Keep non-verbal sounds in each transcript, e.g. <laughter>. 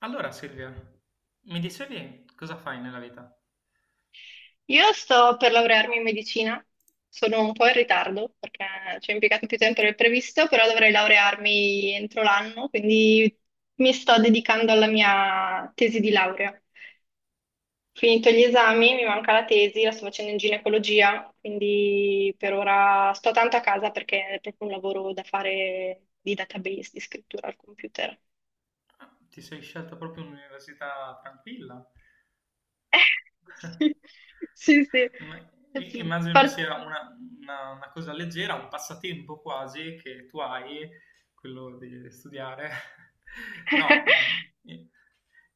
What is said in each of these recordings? Allora Silvia, mi dicevi cosa fai nella vita? Io sto per laurearmi in medicina, sono un po' in ritardo perché ci ho impiegato più tempo del previsto, però dovrei laurearmi entro l'anno, quindi mi sto dedicando alla mia tesi di laurea. Finito gli esami, mi manca la tesi, la sto facendo in ginecologia, quindi per ora sto tanto a casa perché è proprio un lavoro da fare di database, di scrittura al computer. Ah, ti sei scelta proprio un'università tranquilla? <laughs> Eh, <laughs> sì, sì. Sì. Immagino sia una cosa leggera, un passatempo quasi che tu hai, quello di studiare. <laughs> No, <laughs> i-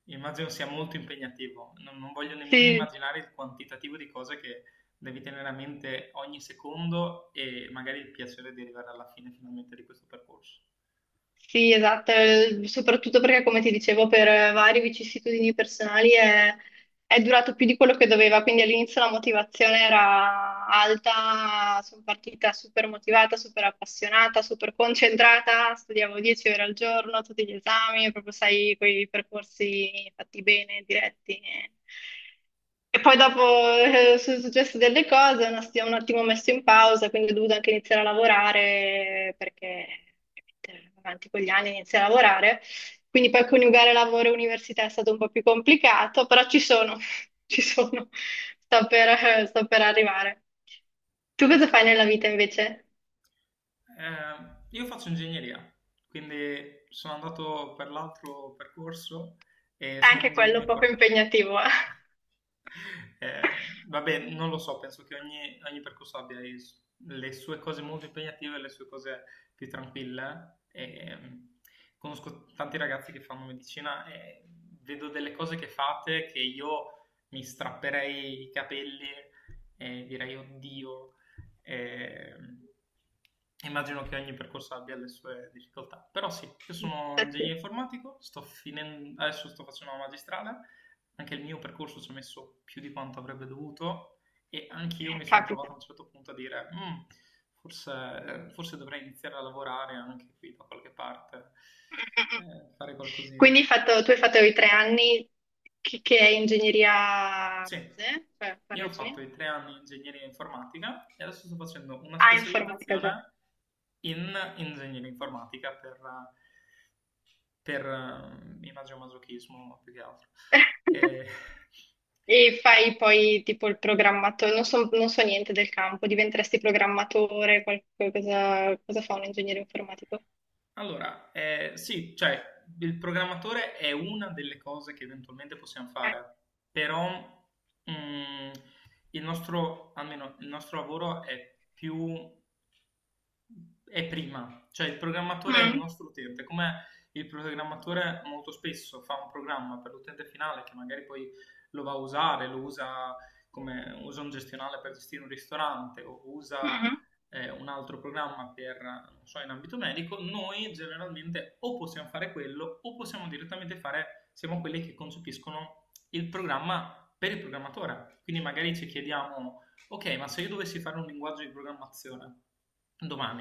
immagino sia molto impegnativo. Non voglio nemmeno Sì, immaginare il quantitativo di cose che devi tenere a mente ogni secondo e magari il piacere di arrivare alla fine finalmente di questo percorso. sì, esatto, soprattutto perché come ti dicevo per varie vicissitudini personali è durato più di quello che doveva, quindi all'inizio la motivazione era alta, sono partita super motivata, super appassionata, super concentrata, studiavo 10 ore al giorno, tutti gli esami, proprio sai, quei percorsi fatti bene, diretti. E poi dopo sono successe delle cose, si è un attimo messo in pausa, quindi ho dovuto anche iniziare a lavorare perché ovviamente, avanti con gli anni inizia a lavorare. Quindi poi coniugare lavoro e università è stato un po' più complicato, però ci sono, <laughs> ci sono, sto per arrivare. Tu cosa fai nella vita invece? Io faccio ingegneria, quindi sono andato per l'altro percorso e sono un Anche quello ingegnere poco informatico. impegnativo, <laughs> eh? <laughs> Eh, Vabbè, non lo so, penso che ogni percorso abbia le sue cose molto impegnative e le sue cose più tranquille. E conosco tanti ragazzi che fanno medicina e vedo delle cose che fate che io mi strapperei i capelli e direi, oddio, e immagino che ogni percorso abbia le sue difficoltà. Però sì, io sono Eh sì, ingegnere informatico, sto finendo, adesso sto facendo la magistrale, anche il mio percorso ci ha messo più di quanto avrebbe dovuto e anch'io mi sono capita. trovato a un Mm, certo punto a dire "Mm, forse dovrei iniziare a lavorare anche qui da qualche parte, mm, mm. Fare qualcosina." Quindi tu hai fatto i 3 anni che è ingegneria Sì, base, cioè, io ho fatto correggimi. i 3 anni in ingegneria informatica e adesso sto facendo una Ah, informatica già. specializzazione in ingegneria informatica per, imagomasochismo più che altro. E- <laughs> <laughs> E fai poi tipo il programmatore, non so, non so niente del campo, diventeresti programmatore, qualcosa, cosa fa un ingegnere informatico? Allora, sì, cioè il programmatore è una delle cose che eventualmente possiamo Ok. fare, però mm, il nostro, almeno il nostro lavoro è più, cioè il programmatore è il Mm, nostro utente, come il programmatore molto spesso fa un programma per l'utente finale che magari poi lo va a usare, lo usa come usa un gestionale per gestire un ristorante o usa mhm, un altro programma per, non so, in ambito medico. Noi generalmente o possiamo fare quello o possiamo direttamente fare, siamo quelli che concepiscono il programma per il programmatore. Quindi magari ci chiediamo, ok, ma se io dovessi fare un linguaggio di programmazione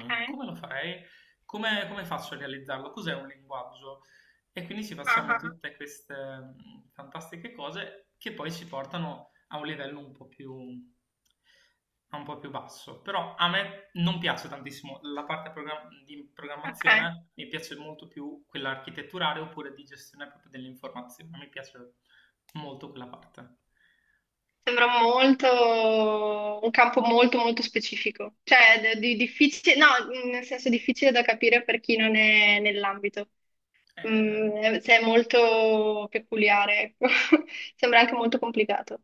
ok, come lo farei? Come faccio a realizzarlo? Cos'è un linguaggio? E quindi ci ah, facciamo ah, tutte queste fantastiche cose che poi ci portano a un livello un po' più basso. Però a me non piace tantissimo la parte di ah, ok. programmazione, mi piace molto più quella architetturale oppure di gestione proprio dell'informazione, mi piace molto quella parte. Sembra molto, un campo molto molto specifico, cioè difficile, no, nel senso difficile da capire per chi non è nell'ambito. Eh, Mm, cioè è molto peculiare, ecco. <laughs> Sembra anche molto complicato.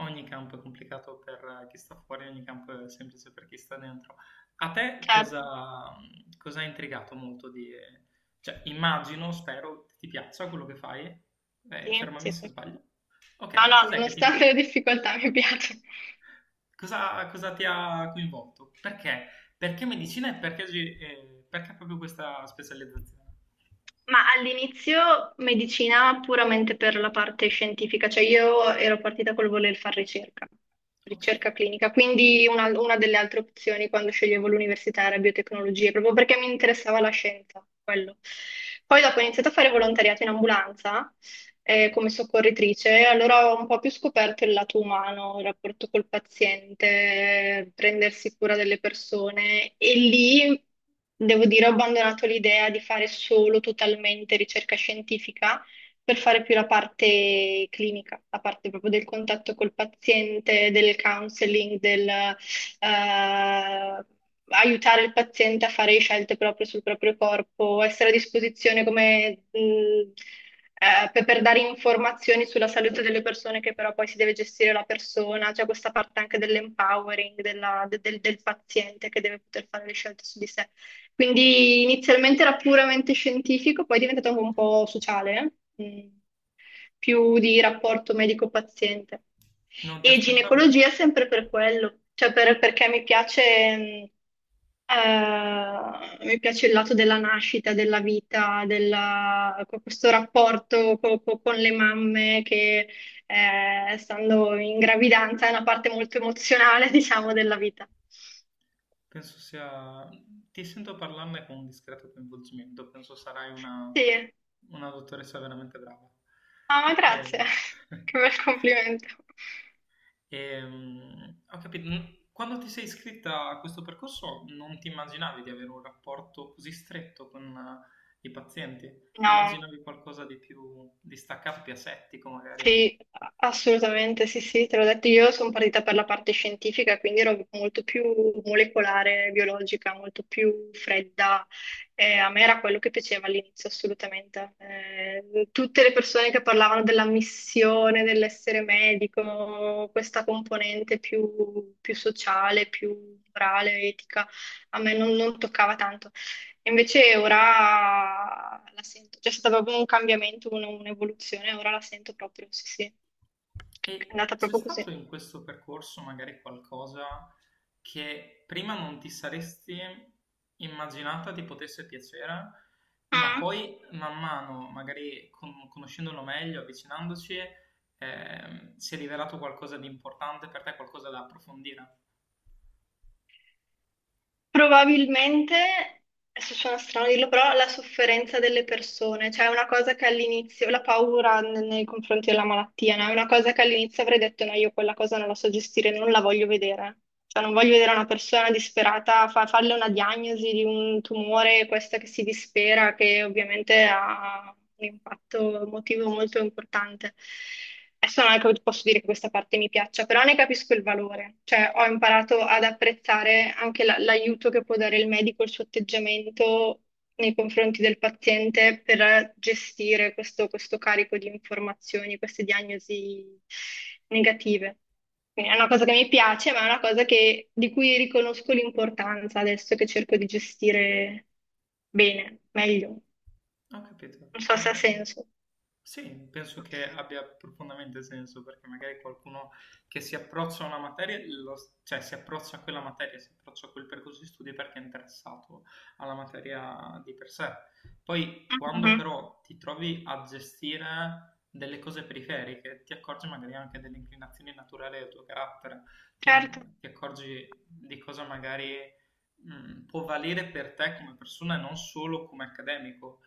Ogni campo è complicato per chi sta fuori, ogni campo è semplice per chi sta dentro. A te Certo, cosa, cosa ha intrigato molto di... Cioè, immagino, spero, ti piaccia quello che fai. Sì, Fermami sì, se sì. sbaglio. No, Ok, no, cos'è che ti... nonostante le difficoltà mi piace. Cosa ti ha coinvolto? Perché? Perché medicina e perché, perché proprio questa specializzazione? Ma all'inizio medicina puramente per la parte scientifica, cioè io ero partita col voler fare ricerca, Ok, ricerca clinica, quindi una delle altre opzioni quando sceglievo l'università era biotecnologie, proprio perché mi interessava la scienza, quello. Poi dopo ho iniziato a fare volontariato in ambulanza, come soccorritrice, allora ho un po' più scoperto il lato umano, il rapporto col paziente, prendersi cura delle persone e lì devo dire ho abbandonato l'idea di fare solo totalmente ricerca scientifica per fare più la parte clinica, la parte proprio del contatto col paziente, del counseling, del eh, aiutare il paziente a fare scelte proprio sul proprio corpo, essere a disposizione come, per dare informazioni sulla salute delle persone che però poi si deve gestire la persona, c'è questa parte anche dell'empowering del paziente che deve poter fare le scelte su di sé. Quindi inizialmente era puramente scientifico, poi è diventato anche un po' sociale, eh? mm, più di rapporto medico-paziente. non ti E aspettavi? ginecologia sempre per quello, cioè perché mi piace, mm, mi piace il lato della nascita, della vita, questo rapporto con le mamme che, stando in gravidanza, è una parte molto emozionale, <laughs> diciamo, della vita. Penso sia... Ti sento parlarne con un discreto coinvolgimento, penso sarai una Sì. Una dottoressa veramente brava. Ah, ma grazie, E <laughs> <laughs> che bel complimento. Ho capito. Mm, quando ti sei iscritta a questo percorso non ti immaginavi di avere un rapporto così stretto con i pazienti? Ti No, immaginavi qualcosa di più distaccato, più asettico magari? sì, assolutamente, sì, sì, te l'ho detto, io sono partita per la parte scientifica, quindi ero molto più molecolare, biologica, molto più fredda. A me era quello che piaceva all'inizio, assolutamente. Tutte le persone che parlavano della missione, dell'essere medico, questa componente più sociale, più morale, etica, a me non toccava tanto. Invece ora la sento, c'è stato proprio un cambiamento, un'evoluzione, ora la sento proprio, sì, sì. È E andata c'è proprio stato così. in questo percorso magari qualcosa che prima non ti saresti immaginata ti potesse piacere, ma Mm. poi man mano, magari conoscendolo meglio, avvicinandoci, si è rivelato qualcosa di importante per te, qualcosa da approfondire. Probabilmente, adesso suona strano dirlo, però la sofferenza delle persone, cioè è una cosa che all'inizio, la paura nei confronti della malattia, no? È una cosa che all'inizio avrei detto no, io quella cosa non la so gestire, non la voglio vedere. Cioè non voglio vedere una persona disperata, farle una diagnosi di un tumore, questa che si dispera, che ovviamente ha un impatto emotivo molto importante. Adesso non è che posso dire che questa parte mi piaccia, però ne capisco il valore, cioè ho imparato ad apprezzare anche l'aiuto che può dare il medico, il suo atteggiamento nei confronti del paziente per gestire questo carico di informazioni, queste diagnosi negative. Quindi è una cosa che mi piace, ma è una cosa di cui riconosco l'importanza adesso che cerco di gestire bene, meglio. Ho capito. Non so se ha senso. Sì, penso che abbia profondamente senso perché magari qualcuno che si approccia a una materia, cioè si approccia a quella materia, si approccia a quel percorso di studi perché è interessato alla materia di per sé. Poi quando Mhm. però ti trovi a gestire delle cose periferiche, ti accorgi magari anche delle inclinazioni naturali del tuo carattere, ti, Certo. ti accorgi di cosa magari può valere per te come persona e non solo come accademico,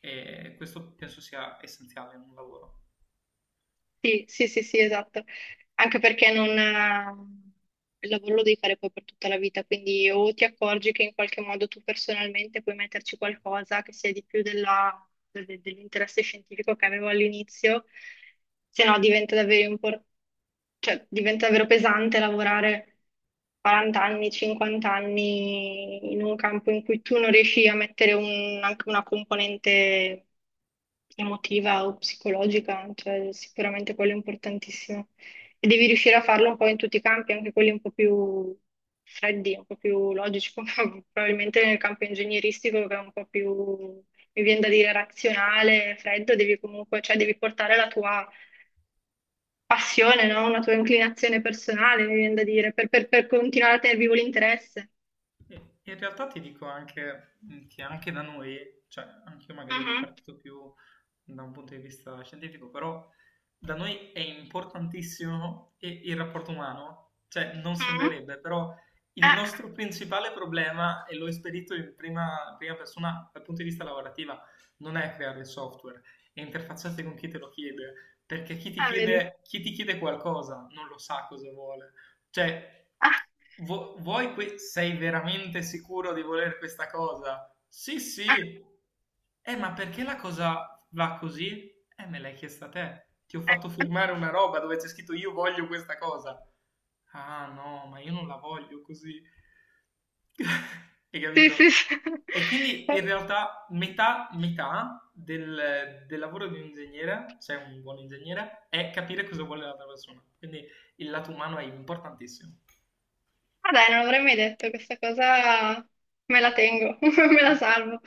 e questo penso sia essenziale in un lavoro. Sì, sì, sì, sì, esatto, anche perché non. Il lavoro lo devi fare poi per tutta la vita, quindi o ti accorgi che in qualche modo tu personalmente puoi metterci qualcosa che sia di più dell'interesse scientifico che avevo all'inizio, se no cioè, diventa davvero pesante lavorare 40 anni, 50 anni in un campo in cui tu non riesci a mettere anche una componente emotiva o psicologica, cioè sicuramente quello è importantissimo. E devi riuscire a farlo un po' in tutti i campi, anche quelli un po' più freddi, un po' più logici, come <laughs> probabilmente nel campo ingegneristico, che è un po' più, mi viene da dire, razionale, freddo, devi comunque, cioè devi portare la tua passione, no? Una tua inclinazione personale, mi viene da dire, per continuare a tenere vivo l'interesse. E in realtà ti dico anche che anche da noi, cioè anche io magari Mhm, parto più da un punto di vista scientifico, però da noi è importantissimo il rapporto umano, cioè non mhm. sembrerebbe, però il Ah, nostro principale problema, e l'ho esperito in prima persona dal punto di vista lavorativa, non è creare il software, è interfacciarsi con chi te lo chiede, perché ah, vedi. Chi ti chiede qualcosa non lo sa cosa vuole. Cioè, Ah, sei veramente sicuro di voler questa cosa? Sì, sì. ah, Ma perché la cosa va così? Me l'hai chiesta a te. Ti ho fatto eh. firmare una roba dove c'è scritto, io voglio questa cosa. Ah, no, ma io non la voglio così. <laughs> Hai Sì, sì, capito? sì. E quindi in <laughs> realtà del lavoro di un ingegnere, se è un buon ingegnere, è capire cosa vuole l'altra persona. Quindi il lato umano è importantissimo. Ah dai, non l'avrei mai detto, questa cosa me la tengo, <laughs> me la salvo.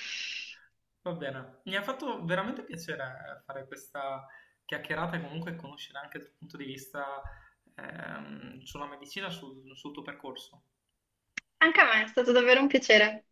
Va bene, mi ha fatto veramente piacere fare questa chiacchierata e comunque conoscere anche il tuo punto di vista sul tuo percorso. Anche a me è stato davvero un piacere.